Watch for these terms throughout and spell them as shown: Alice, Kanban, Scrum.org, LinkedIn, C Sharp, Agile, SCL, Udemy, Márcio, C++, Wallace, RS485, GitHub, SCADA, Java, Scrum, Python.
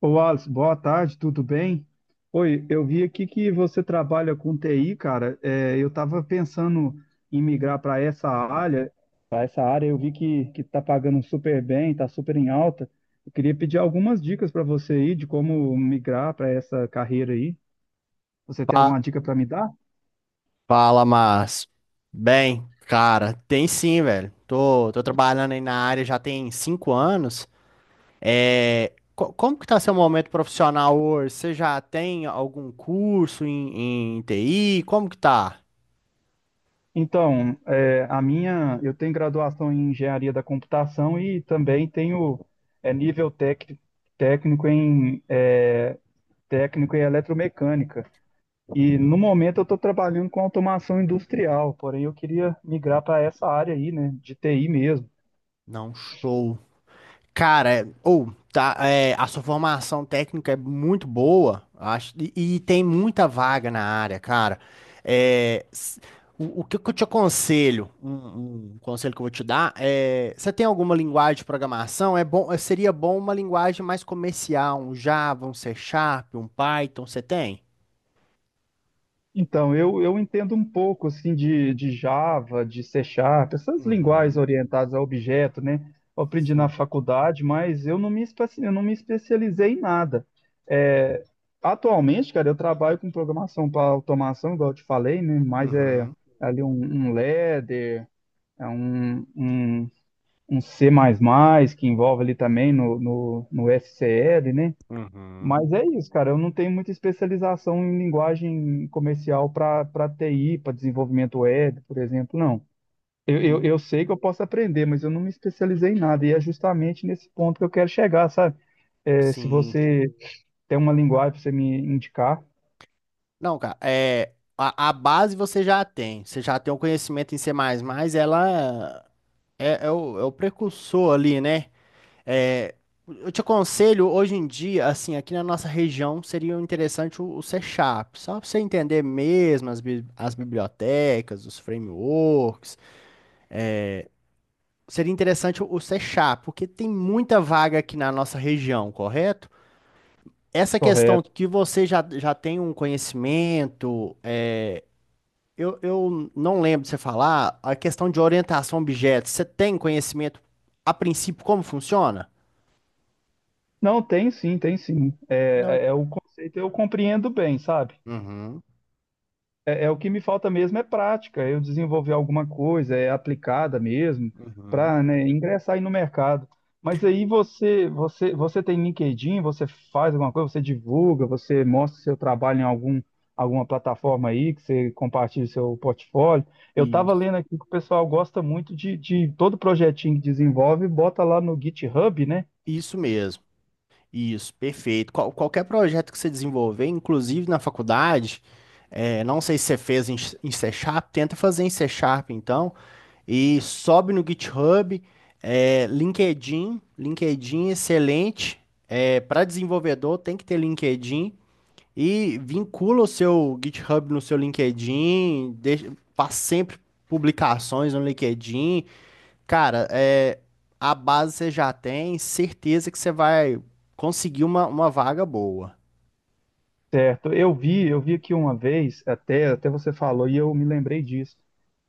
Ô, Alice, boa tarde, tudo bem? Oi, eu vi aqui que você trabalha com TI, cara. Eu estava pensando em migrar para essa área. Para essa área, eu vi que tá pagando super bem, tá super em alta. Eu queria pedir algumas dicas para você aí de como migrar para essa carreira aí. Você tem Fa- alguma dica para me dar? Fala, Márcio. Bem, cara, tem sim, velho. Tô trabalhando aí na área já tem 5 anos. É, como que tá seu momento profissional hoje? Você já tem algum curso em TI? Como que tá? Eu tenho graduação em engenharia da computação e também tenho é, nível tec- técnico em técnico em eletromecânica. E no momento eu estou trabalhando com automação industrial, porém eu queria migrar para essa área aí, né, de TI mesmo. Não, show. Cara, a sua formação técnica é muito boa, acho, e, tem muita vaga na área, cara. É, s- o que que eu te aconselho, um conselho que eu vou te dar é, você tem alguma linguagem de programação? É bom, é, seria bom uma linguagem mais comercial, um Java, um C Sharp, um Python, você tem? Eu entendo um pouco assim de Java, de C Sharp, essas linguagens Uhum, orientadas a objeto, né? Eu aprendi na sim. faculdade, mas eu não me especializei em nada. É, Atualmente, cara, eu trabalho com programação para automação, igual eu te falei, né? Mas é Uhum, ali um ladder, é um C++, que envolve ali também no SCL, né? uhum. Mas é isso, cara. Eu não tenho muita especialização em linguagem comercial para TI, para desenvolvimento web, por exemplo, não. Hum. Eu sei que eu posso aprender, mas eu não me especializei em nada. E é justamente nesse ponto que eu quero chegar, sabe? É, se Sim. você tem uma linguagem para você me indicar, Não, cara, é, a base você já tem. Você já tem o conhecimento em C++, ela é o precursor ali, né? É, eu te aconselho, hoje em dia, assim, aqui na nossa região, seria interessante o C Sharp, só para você entender mesmo as, as bibliotecas, os frameworks. Seria interessante o C Sharp, porque tem muita vaga aqui na nossa região, correto? Essa questão correto. que você já tem um conhecimento. Eu não lembro de você falar a questão de orientação a objetos. Você tem conhecimento, a princípio, como funciona? Não, tem sim, tem sim. Não. É é o conceito eu compreendo bem, sabe? Uhum, É, é o que me falta mesmo é prática, é eu desenvolver alguma coisa, é aplicada mesmo, uhum. para, ingressar aí no mercado. Mas aí você tem LinkedIn, você faz alguma coisa, você divulga, você mostra seu trabalho alguma plataforma aí, que você compartilha seu portfólio. Eu estava Isso. lendo aqui que o pessoal gosta muito de todo projetinho que desenvolve, bota lá no GitHub, né? Isso mesmo. Isso, perfeito. Qualquer projeto que você desenvolver, inclusive na faculdade, é, não sei se você fez em C Sharp, tenta fazer em C Sharp, então, e sobe no GitHub, é, LinkedIn, LinkedIn é excelente. Para desenvolvedor tem que ter LinkedIn. E vincula o seu GitHub no seu LinkedIn, deixa, faz sempre publicações no LinkedIn. Cara, é, a base você já tem, certeza que você vai conseguir uma vaga boa. Certo, eu vi aqui uma vez, até você falou e eu me lembrei disso.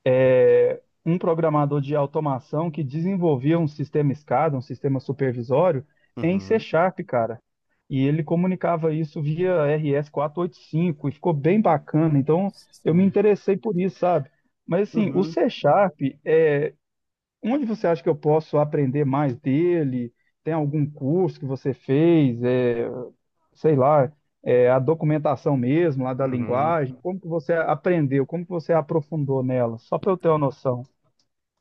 É, um programador de automação que desenvolvia um sistema SCADA, um sistema supervisório, em C Uhum. Sharp, cara. E ele comunicava isso via RS485 e oitenta e cinco e ficou bem bacana. Então eu me Sim. interessei por isso, sabe? Mas assim, o Uhum. C Sharp, é, onde você acha que eu posso aprender mais dele? Tem algum curso que você fez? Sei lá, é, a documentação mesmo lá da Uhum. linguagem? Como que você aprendeu? Como que você aprofundou nela? Só para eu ter uma noção.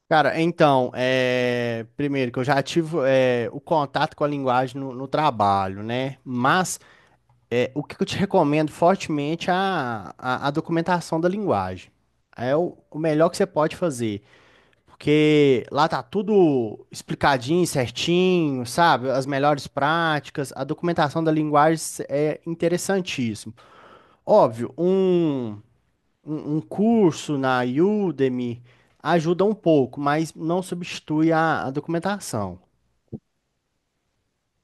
Cara, então, é, primeiro que eu já tive é, o contato com a linguagem no trabalho, né? Mas o que que eu te recomendo fortemente é a, a documentação da linguagem. É o melhor que você pode fazer. Porque lá tá tudo explicadinho, certinho, sabe? As melhores práticas, a documentação da linguagem é interessantíssimo. Óbvio, um curso na Udemy ajuda um pouco, mas não substitui a, documentação.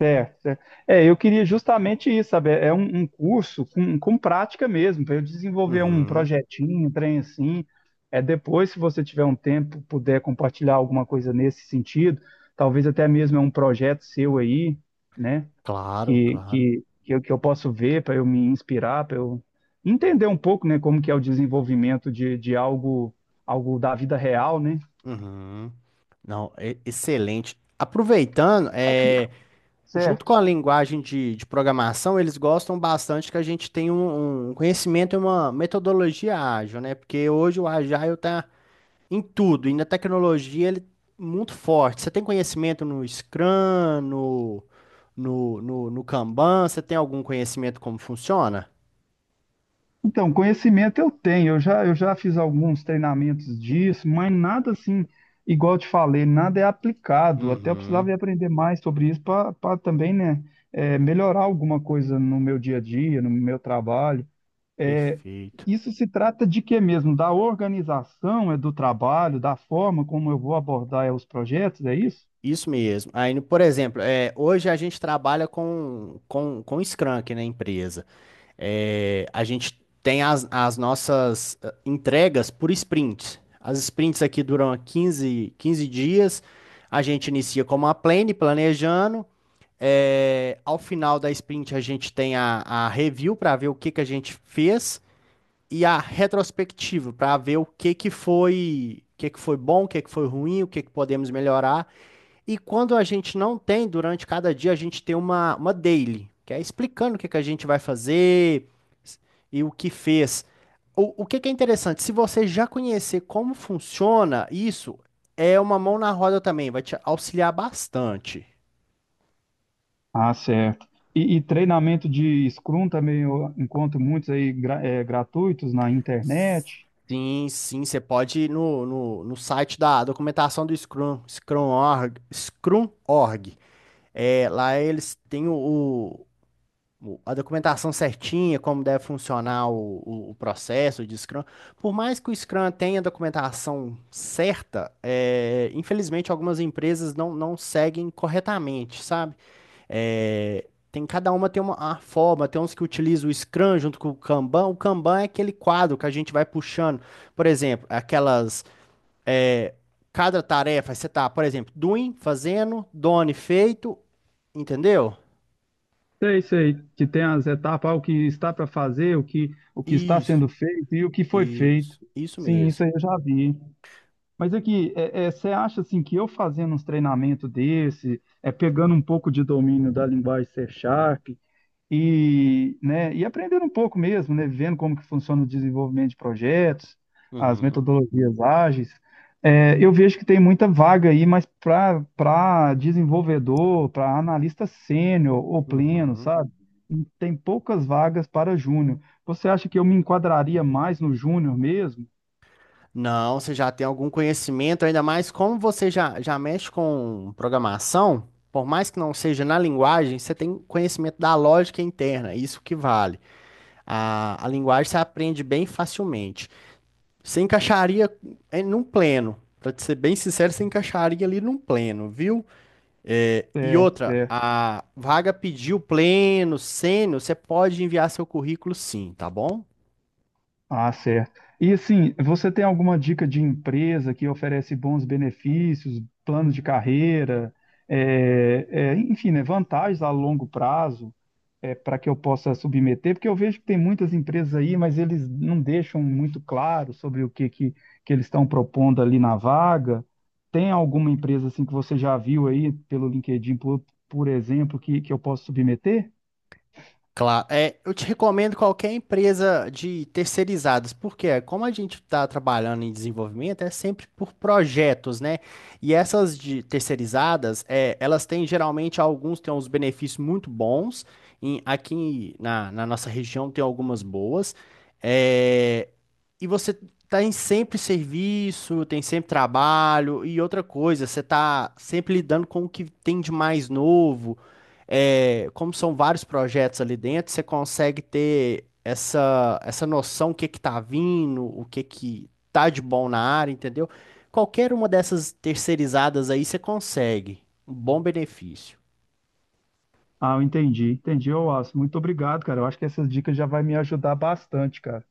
Certo, certo. É, eu queria justamente isso, sabe? Um curso com prática mesmo, para eu desenvolver um Uhum, projetinho, um trem assim. É depois, se você tiver um tempo, puder compartilhar alguma coisa nesse sentido, talvez até mesmo é um projeto seu aí, né? claro, claro. Que eu posso ver para eu me inspirar, para eu entender um pouco, né, como que é o desenvolvimento de algo, algo da vida real, né? Uhum. Não, excelente. Aproveitando, Aqui. é, junto Certo. com a linguagem de programação, eles gostam bastante que a gente tenha um, um conhecimento e uma metodologia ágil, né? Porque hoje o Agile está em tudo, e na tecnologia ele é muito forte. Você tem conhecimento no Scrum, no Kanban? Você tem algum conhecimento como funciona? Então, conhecimento eu tenho, eu já fiz alguns treinamentos disso, mas nada assim, igual eu te falei, nada é aplicado. Até eu Uhum, precisava ir aprender mais sobre isso para também, né, é, melhorar alguma coisa no meu dia a dia, no meu trabalho. É, perfeito. isso se trata de quê mesmo? Da organização, é do trabalho, da forma como eu vou abordar é, os projetos, é isso? Isso mesmo. Aí, por exemplo, é, hoje a gente trabalha com Scrum aqui na empresa. É, a gente tem as, as nossas eh, entregas por sprints. As sprints aqui duram quinze dias. A gente inicia como uma planejando. É, ao final da sprint, a gente tem a review para ver o que que a gente fez e a retrospectiva para ver o que que foi, o que que foi bom, o que que foi ruim, o que que podemos melhorar. E quando a gente não tem, durante cada dia, a gente tem uma daily, que é explicando o que que a gente vai fazer e o que fez. O que que é interessante, se você já conhecer como funciona isso, é uma mão na roda também, vai te auxiliar bastante. Ah, certo. E treinamento de Scrum também eu encontro muitos aí é, gratuitos na internet. Sim, sim, você pode ir no site da documentação do Scrum, Scrum.org, Scrum.org. É, lá eles têm a documentação certinha, como deve funcionar o processo de Scrum. Por mais que o Scrum tenha a documentação certa, é, infelizmente algumas empresas não seguem corretamente, sabe? É, tem cada uma tem uma, a forma, tem uns que utilizam o Scrum junto com o Kanban. O Kanban é aquele quadro que a gente vai puxando. Por exemplo, aquelas. É, cada tarefa, você tá, por exemplo, doing, fazendo, done, feito, entendeu? Sei, sei, que tem as etapas, ah, o que está para fazer, o que está sendo Isso. feito e o que foi feito. Isso Sim, isso mesmo. aí eu já vi. Mas aqui, você acha assim que eu fazendo uns treinamentos desse, é pegando um pouco de domínio da linguagem C Sharp, e, né, e aprendendo um pouco mesmo, né, vendo como que funciona o desenvolvimento de projetos, as Uhum, metodologias ágeis, é, eu vejo que tem muita vaga aí, mas para desenvolvedor, para analista sênior ou pleno, uhum. sabe? E tem poucas vagas para júnior. Você acha que eu me enquadraria mais no júnior mesmo? Não, você já tem algum conhecimento, ainda mais como você já, já mexe com programação, por mais que não seja na linguagem, você tem conhecimento da lógica interna, isso que vale. A linguagem você aprende bem facilmente. Você encaixaria num pleno, para ser bem sincero, você encaixaria ali num pleno, viu? É, e É, outra, é. a vaga pediu pleno, sênior, você pode enviar seu currículo sim, tá bom? Ah, certo. E assim, você tem alguma dica de empresa que oferece bons benefícios, planos de carreira, enfim, né, vantagens a longo prazo, para que eu possa submeter? Porque eu vejo que tem muitas empresas aí, mas eles não deixam muito claro sobre que eles estão propondo ali na vaga. Tem alguma empresa assim que você já viu aí pelo LinkedIn, por exemplo, que eu posso submeter? Claro, é, eu te recomendo qualquer empresa de terceirizados, porque é, como a gente está trabalhando em desenvolvimento, é sempre por projetos, né? E essas de terceirizadas, é, elas têm geralmente alguns têm uns benefícios muito bons. Aqui na, na nossa região tem algumas boas. É, e você tem sempre serviço, tem sempre trabalho, e outra coisa, você está sempre lidando com o que tem de mais novo é, como são vários projetos ali dentro, você consegue ter essa, essa noção o que que tá vindo, o que que tá de bom na área, entendeu? Qualquer uma dessas terceirizadas aí você consegue um bom benefício. Ah, eu entendi, entendi, ô Wallace. Muito obrigado, cara. Eu acho que essas dicas já vai me ajudar bastante, cara.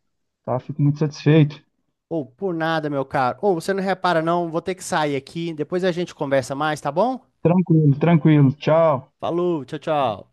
Tá? Fico muito satisfeito. Ou por nada, meu caro. Ou você não repara não, vou ter que sair aqui, depois a gente conversa mais, tá bom? Tranquilo, tranquilo. Tchau. Falou, tchau, tchau.